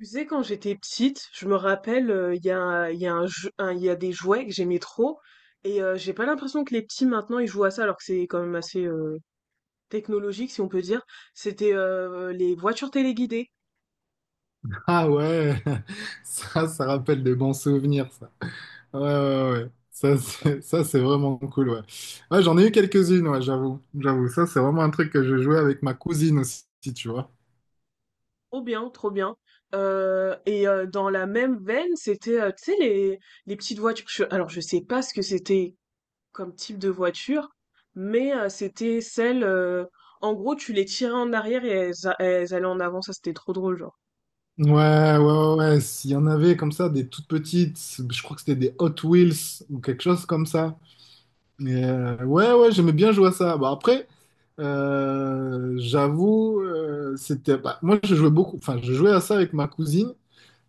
Tu sais, quand j'étais petite, je me rappelle, il y a, un- il y a un jeu- un- il y a des jouets que j'aimais trop, et j'ai pas l'impression que les petits maintenant ils jouent à ça, alors que c'est quand même assez technologique, si on peut dire. C'était les voitures téléguidées. Ah ouais, ça rappelle des bons souvenirs, ça. Ouais, ouais, ouais. Ça, c'est vraiment cool, ouais. Ouais, j'en ai eu quelques-unes, ouais, j'avoue. J'avoue, ça, c'est vraiment un truc que je jouais avec ma cousine aussi, tu vois. Trop bien, trop bien. Dans la même veine, c'était, tu sais, les petites voitures. Je sais pas ce que c'était comme type de voiture, mais c'était celles en gros, tu les tirais en arrière et elles allaient en avant. Ça, c'était trop drôle, genre. Ouais, ouais, ouais, ouais. S'il y en avait comme ça, des toutes petites, je crois que c'était des Hot Wheels ou quelque chose comme ça. Mais ouais, ouais, j'aimais bien jouer à ça. Bon, après, j'avoue, c'était. Bah, moi, je jouais beaucoup, enfin, je jouais à ça avec ma cousine.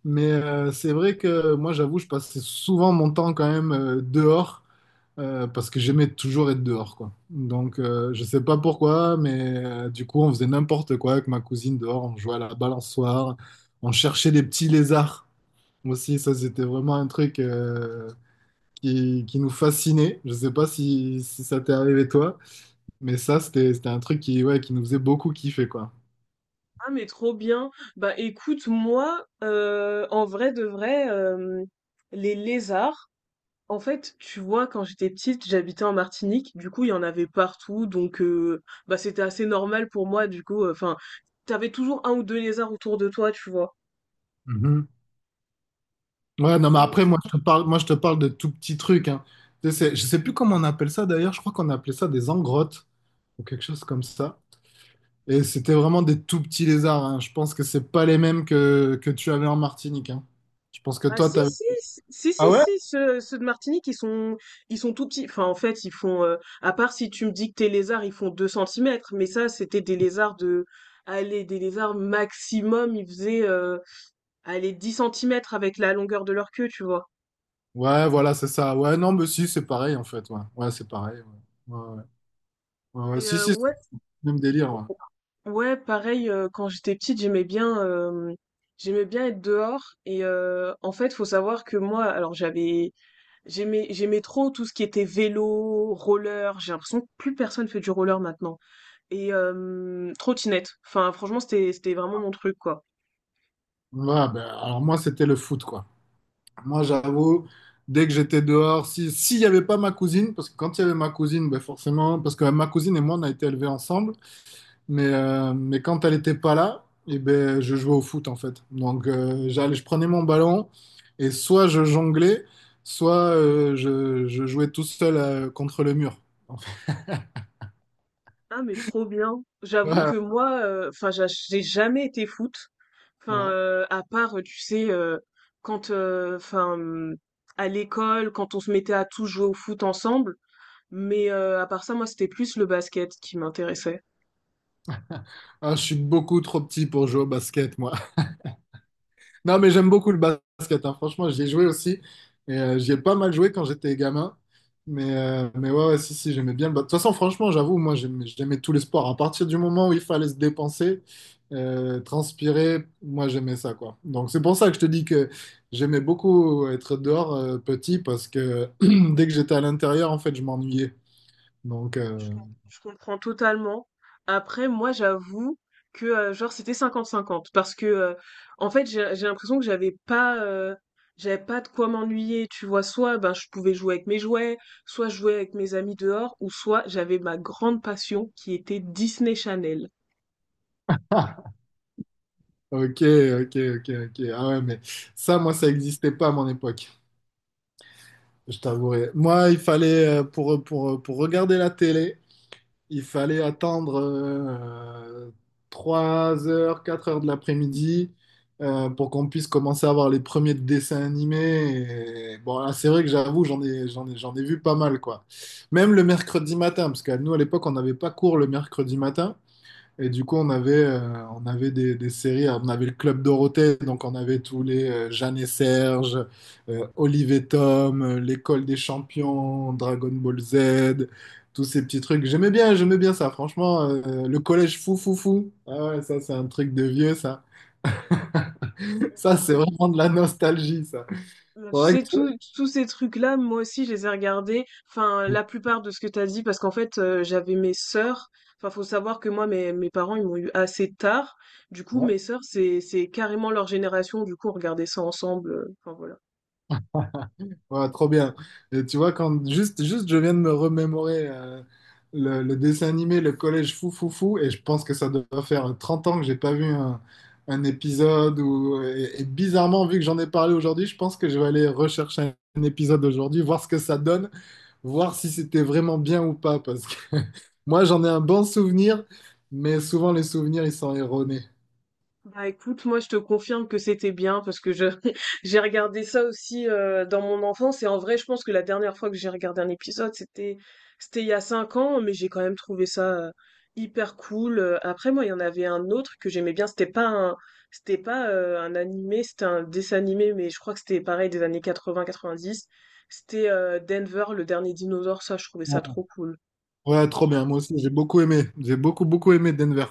Mais c'est vrai que moi, j'avoue, je passais souvent mon temps quand même dehors parce que j'aimais toujours être dehors, quoi. Donc, je sais pas pourquoi, mais du coup, on faisait n'importe quoi avec ma cousine dehors. On jouait à la balançoire, on cherchait des petits lézards aussi. Ça, c'était vraiment un truc qui nous fascinait. Je sais pas si ça t'est arrivé toi. Mais ça, c'était un truc qui, ouais, qui nous faisait beaucoup kiffer, quoi. Ah mais trop bien. Bah écoute, moi, en vrai de vrai, les lézards, en fait, tu vois, quand j'étais petite, j'habitais en Martinique, du coup, il y en avait partout, donc bah c'était assez normal pour moi, du coup, enfin, t'avais toujours un ou deux lézards autour de toi, tu vois. Mhm. Ouais, non, mais après, moi, je te parle de tout petits trucs, hein. Tu sais, je sais plus comment on appelle ça d'ailleurs, je crois qu'on appelait ça des engrottes ou quelque chose comme ça. Et c'était vraiment des tout petits lézards, hein. Je pense que c'est pas les mêmes que tu avais en Martinique, hein. Je pense que Ah toi, si t'avais. si si si Ah si ouais? si, ceux de Martinique ils sont tout petits, enfin en fait ils font à part si tu me dis que tes lézards ils font 2 centimètres, mais ça c'était des lézards de, allez, des lézards maximum ils faisaient allez 10 centimètres avec la longueur de leur queue, tu vois. Ouais, voilà, c'est ça. Ouais, non, mais si, c'est pareil, en fait. Ouais, ouais c'est pareil. Ouais. Ouais, ouais. Ouais, ouais. Et Si, euh, si, c'est ouais le même délire. Ouais. ouais pareil quand j'étais petite j'aimais bien être dehors et en fait faut savoir que moi alors j'aimais trop tout ce qui était vélo, roller. J'ai l'impression que plus personne fait du roller maintenant. Et trottinette. Enfin, franchement, c'était vraiment mon truc, quoi. Ouais, ben, alors, moi, c'était le foot, quoi. Moi, j'avoue, dès que j'étais dehors, si, s'il n'y avait pas ma cousine, parce que quand il y avait ma cousine, ben, forcément, parce que ma cousine et moi, on a été élevés ensemble, mais quand elle n'était pas là, eh ben, je jouais au foot, en fait. Donc, j'allais, je prenais mon ballon et soit je jonglais, soit je jouais tout seul contre le mur. Ah mais trop bien. J'avoue que Ouais. moi, enfin, j'ai jamais été foot. Enfin, Ouais. À part, tu sais, enfin, à l'école, quand on se mettait à tous jouer au foot ensemble. Mais à part ça, moi, c'était plus le basket qui m'intéressait. Ah, je suis beaucoup trop petit pour jouer au basket, moi. Non, mais j'aime beaucoup le basket, hein. Franchement, j'y ai joué aussi. Et j'y ai pas mal joué quand j'étais gamin. Mais ouais, ouais, si, si, j'aimais bien le basket. De toute façon, franchement, j'avoue, moi, j'aimais tous les sports. À partir du moment où il fallait se dépenser, transpirer, moi, j'aimais ça, quoi. Donc, c'est pour ça que je te dis que j'aimais beaucoup être dehors, petit, parce que dès que j'étais à l'intérieur, en fait, je m'ennuyais. Donc, Je euh, com- je comprends totalement. Après, moi, j'avoue que genre c'était cinquante cinquante parce que en fait, j'ai l'impression que j'avais pas de quoi m'ennuyer, tu vois, soit ben je pouvais jouer avec mes jouets, soit jouer avec mes amis dehors, ou soit j'avais ma grande passion qui était Disney Channel. Ok, ok, ok, ok. Ah ouais, mais ça, moi, ça n'existait pas à mon époque, je t'avouerai. Moi, il fallait, pour regarder la télé, il fallait attendre 3 heures, 4 heures de l'après-midi pour qu'on puisse commencer à voir les premiers dessins animés. Et bon, là, c'est vrai que j'avoue, j'en ai vu pas mal, quoi. Même le mercredi matin, parce que nous, à l'époque, on n'avait pas cours le mercredi matin. Et du coup, on avait des séries. Alors, on avait le Club Dorothée, donc on avait tous les Jeanne et Serge, Olive et Tom, l'École des Champions, Dragon Ball Z, tous ces petits trucs. J'aimais bien ça, franchement. Le collège fou, fou, fou. Ah ouais, ça, c'est un truc de vieux, ça. Ça, c'est vraiment de la nostalgie, ça. Bah, tu Faudrait sais, que tous ces trucs-là, moi aussi, je les ai regardés. Enfin, tu- la plupart de ce que t'as dit, parce qu'en fait, j'avais mes sœurs. Enfin, faut savoir que moi, mes parents, ils m'ont eu assez tard. Du coup, mes sœurs, c'est carrément leur génération. Du coup, on regardait ça ensemble. Enfin, voilà. Ouais, trop bien. Et tu vois, quand juste je viens de me remémorer le dessin animé, le collège fou fou fou, et je pense que ça doit faire 30 ans que j'ai pas vu un épisode. Et bizarrement, vu que j'en ai parlé aujourd'hui, je pense que je vais aller rechercher un épisode aujourd'hui, voir ce que ça donne, voir si c'était vraiment bien ou pas. Parce que moi, j'en ai un bon souvenir, mais souvent les souvenirs, ils sont erronés. Bah, écoute, moi je te confirme que c'était bien parce que je j'ai regardé ça aussi dans mon enfance, et en vrai je pense que la dernière fois que j'ai regardé un épisode c'était il y a cinq ans, mais j'ai quand même trouvé ça hyper cool. Après moi il y en avait un autre que j'aimais bien, c'était pas un animé, c'était un dessin animé, mais je crois que c'était pareil des années 80-90. C'était Denver, le dernier dinosaure. Ça je trouvais ça trop cool. Ouais, trop bien. Moi aussi, j'ai beaucoup aimé. J'ai beaucoup, beaucoup aimé Denver.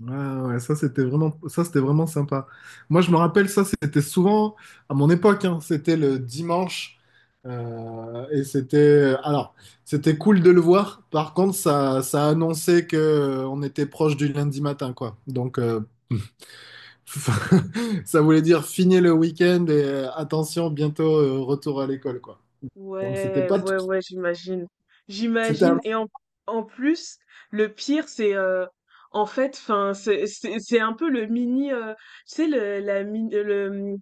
Ouais, ouais, ça c'était vraiment sympa. Moi je me rappelle ça, c'était souvent à mon époque, hein, c'était le dimanche et c'était, alors c'était cool de le voir. Par contre, ça annonçait que on était proche du lundi matin, quoi. Donc ça voulait dire finir le week-end et attention bientôt retour à l'école, quoi. Donc c'était Ouais, pas, tout- ouais, ouais, j'imagine. c'était un J'imagine. Et en plus, le pire, c'est en fait, enfin, c'est un peu le mini, tu sais, le, la mini, le mmh,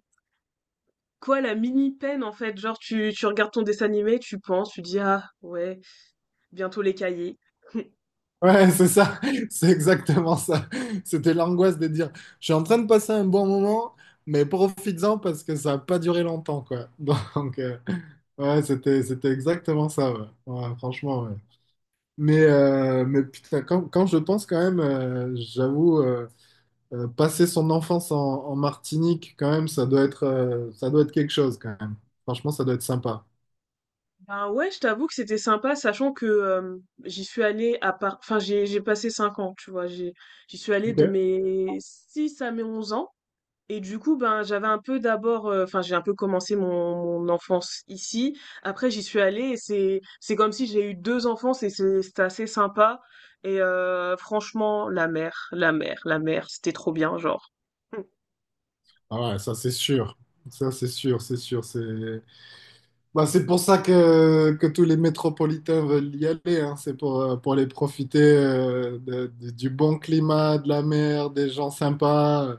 quoi, la mini peine en fait. Genre, tu regardes ton dessin animé, tu penses, tu dis ah ouais, bientôt les cahiers. Ouais, c'est ça, c'est exactement ça. C'était l'angoisse de dire, je suis en train de passer un bon moment, mais profites-en parce que ça n'a pas duré longtemps, quoi. Donc, ouais, c'était exactement ça, ouais. Ouais, franchement, ouais. Mais putain, quand je pense quand même, j'avoue, passer son enfance en Martinique, quand même, ça doit être quelque chose, quand même. Franchement, ça doit être sympa. Ben ouais, je t'avoue que c'était sympa, sachant que j'y suis allée à part, enfin, j'ai passé cinq ans, tu vois, j'ai, j'y suis allée de Ok. mes 6 à mes 11 ans. Et du coup, ben, j'avais un peu d'abord, enfin, j'ai un peu commencé mon enfance ici. Après, j'y suis allée et c'est comme si j'ai eu deux enfants. C'était assez sympa. Et franchement, la mer, c'était trop bien, genre. Mm. Ah ouais, ça c'est sûr. Ça c'est sûr, c'est sûr. Bah, c'est pour ça que tous les métropolitains veulent y aller, hein. C'est pour les profiter du bon climat, de la mer, des gens sympas.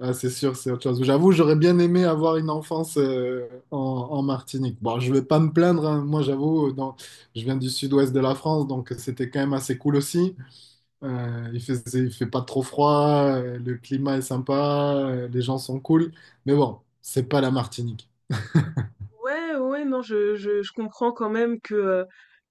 Ah, c'est sûr, c'est autre chose. J'avoue, j'aurais bien aimé avoir une enfance en Martinique. Bon, je vais pas me plaindre, hein. Moi, j'avoue, je viens du sud-ouest de la France, donc c'était quand même assez cool aussi. Il fait pas trop froid, le climat est sympa, les gens sont cool. Mais bon, c'est pas la Martinique. Ouais, ouais, ouais, non, je comprends quand même que, euh,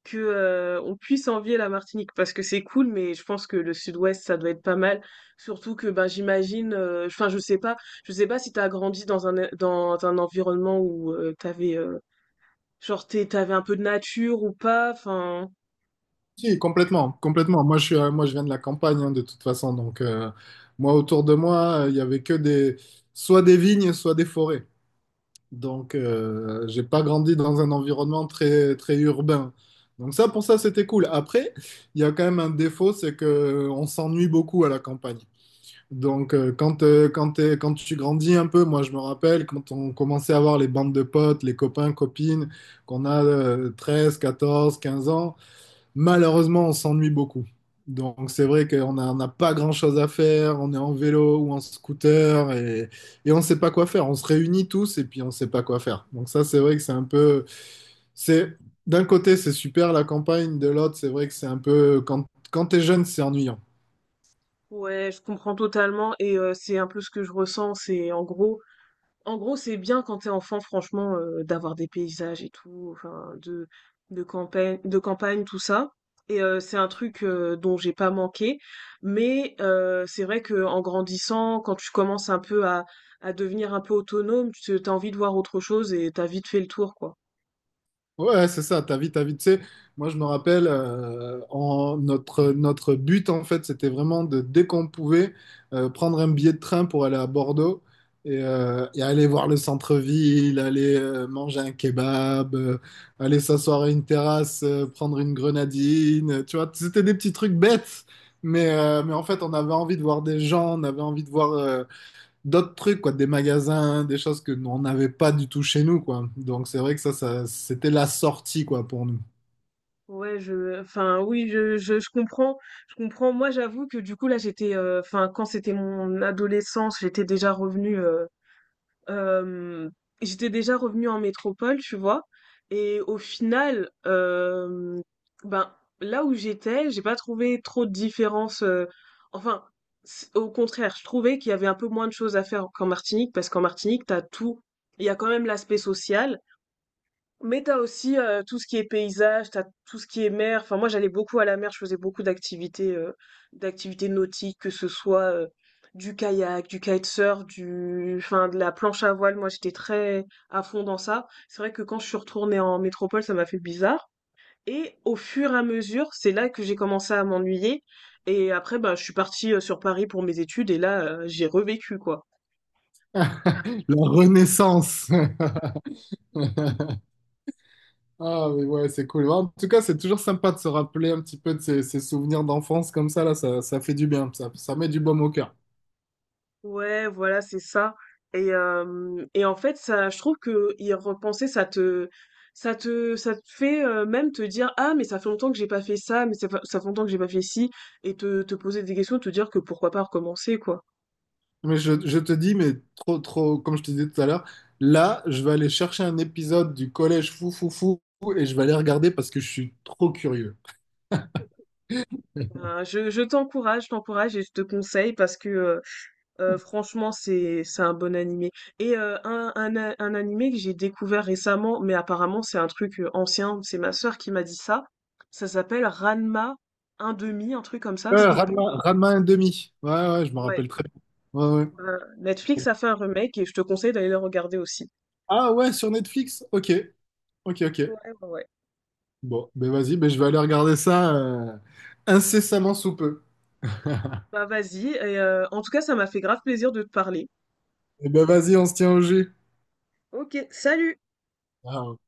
que, on puisse envier la Martinique parce que c'est cool, mais je pense que le Sud-Ouest, ça doit être pas mal. Surtout que, ben, j'imagine, enfin, je sais pas si t'as grandi dans dans un environnement où t'avais, genre, t'avais un peu de nature ou pas, enfin, Si, complètement, complètement. Moi, je viens de la campagne, hein, de toute façon. Donc, moi, autour de moi, il y avait que soit des vignes, soit des forêts. Donc, j'ai pas grandi dans un environnement très, très urbain. Donc, ça, pour ça, c'était cool. Après, il y a quand même un défaut, c'est que on s'ennuie beaucoup à la campagne. Donc, quand tu grandis un peu, moi, je me rappelle quand on commençait à avoir les bandes de potes, les copains, copines, qu'on a 13, 14, 15 ans malheureusement, on s'ennuie beaucoup. Donc c'est vrai qu'on n'a pas grand-chose à faire, on est en vélo ou en scooter et on ne sait pas quoi faire. On se réunit tous et puis on ne sait pas quoi faire. Donc ça c'est vrai que c'est un peu. C'est, D'un côté c'est super la campagne, de l'autre c'est vrai que c'est un peu. Quand tu es jeune c'est ennuyant. ouais, je comprends totalement. Et c'est un peu ce que je ressens, en gros, c'est bien quand t'es enfant, franchement, d'avoir des paysages et tout, enfin, de campagne, tout ça. Et c'est un truc dont j'ai pas manqué. Mais c'est vrai que en grandissant, quand tu commences un peu à devenir un peu autonome, tu t'as envie de voir autre chose et t'as vite fait le tour, quoi. Ouais, c'est ça, ta vie, ta vie. Tu sais, moi, je me rappelle, notre, but, en fait, c'était vraiment dès qu'on pouvait, prendre un billet de train pour aller à Bordeaux et aller voir le centre-ville, aller manger un kebab, aller s'asseoir à une terrasse, prendre une grenadine. Tu vois, c'était des petits trucs bêtes, mais en fait, on avait envie de voir des gens, on avait envie de voir, d'autres trucs, quoi, des magasins, des choses que nous, on n'avait pas du tout chez nous, quoi. Donc c'est vrai que ça c'était la sortie, quoi, pour nous. Ouais, je, enfin, oui, je comprends, je comprends. Moi, j'avoue que du coup, là, j'étais, enfin, quand c'était mon adolescence, j'étais déjà revenue. Hem, j'étais déjà revenue en métropole, tu vois? Et au final, ben, là où j'étais, j'ai pas trouvé trop de différence, enfin, c au contraire, je trouvais qu'il y avait un peu moins de choses à faire qu'en Martinique, parce qu'en Martinique, t'as tout. Il y a quand même l'aspect social, mais t'as aussi, tout ce qui est paysage, t'as tout ce qui est mer. Enfin, moi, j'allais beaucoup à la mer, je faisais beaucoup d'activités, d'activités nautiques, que ce soit, du kayak, du kitesurf, du enfin, de la planche à voile. Moi, j'étais très à fond dans ça. C'est vrai que quand je suis retournée en métropole, ça m'a fait bizarre, et au fur et à mesure, c'est là que j'ai commencé à m'ennuyer, et après, bah, je suis partie, sur Paris pour mes études, et là, j'ai revécu, quoi. La renaissance. Ah, mais ouais, c'est cool. En tout cas, c'est toujours sympa de se rappeler un petit peu de ces souvenirs d'enfance comme ça, là, ça fait du bien, ça met du baume au cœur. Ouais, voilà, c'est ça. Et en fait, ça, je trouve que y repenser, ça te fait même te dire, ah, mais ça fait longtemps que j'ai pas fait ça, mais ça fait longtemps que j'ai pas fait ci, et te poser des questions, te dire que pourquoi pas recommencer, quoi. Mais je te dis, mais trop, trop, comme je te disais tout à l'heure, là, je vais aller chercher un épisode du collège fou, fou, fou, et je vais aller regarder parce que je suis trop curieux. Je t'encourage, je t'encourage et je te conseille, parce que franchement c'est un bon animé. Et un animé que j'ai découvert récemment, mais apparemment c'est un truc ancien, c'est ma sœur qui m'a dit ça. Ça s'appelle Ranma un demi, un truc comme ça. C'était pas. Ranma, Ranma ½. Ouais, ouais, je me Ouais. rappelle très bien. Ouais, ouais. Bah, Netflix a fait un remake et je te conseille d'aller le regarder aussi. Ah ouais, sur Netflix? Ok, ok, ok. Ouais, ouais, ouais. Bon, ben vas-y, ben je vais aller regarder ça incessamment sous peu. Bah vas-y. Et en tout cas, ça m'a fait grave plaisir de te parler. Et ben vas-y, on se tient au jus. Ok, salut! Ah, ok.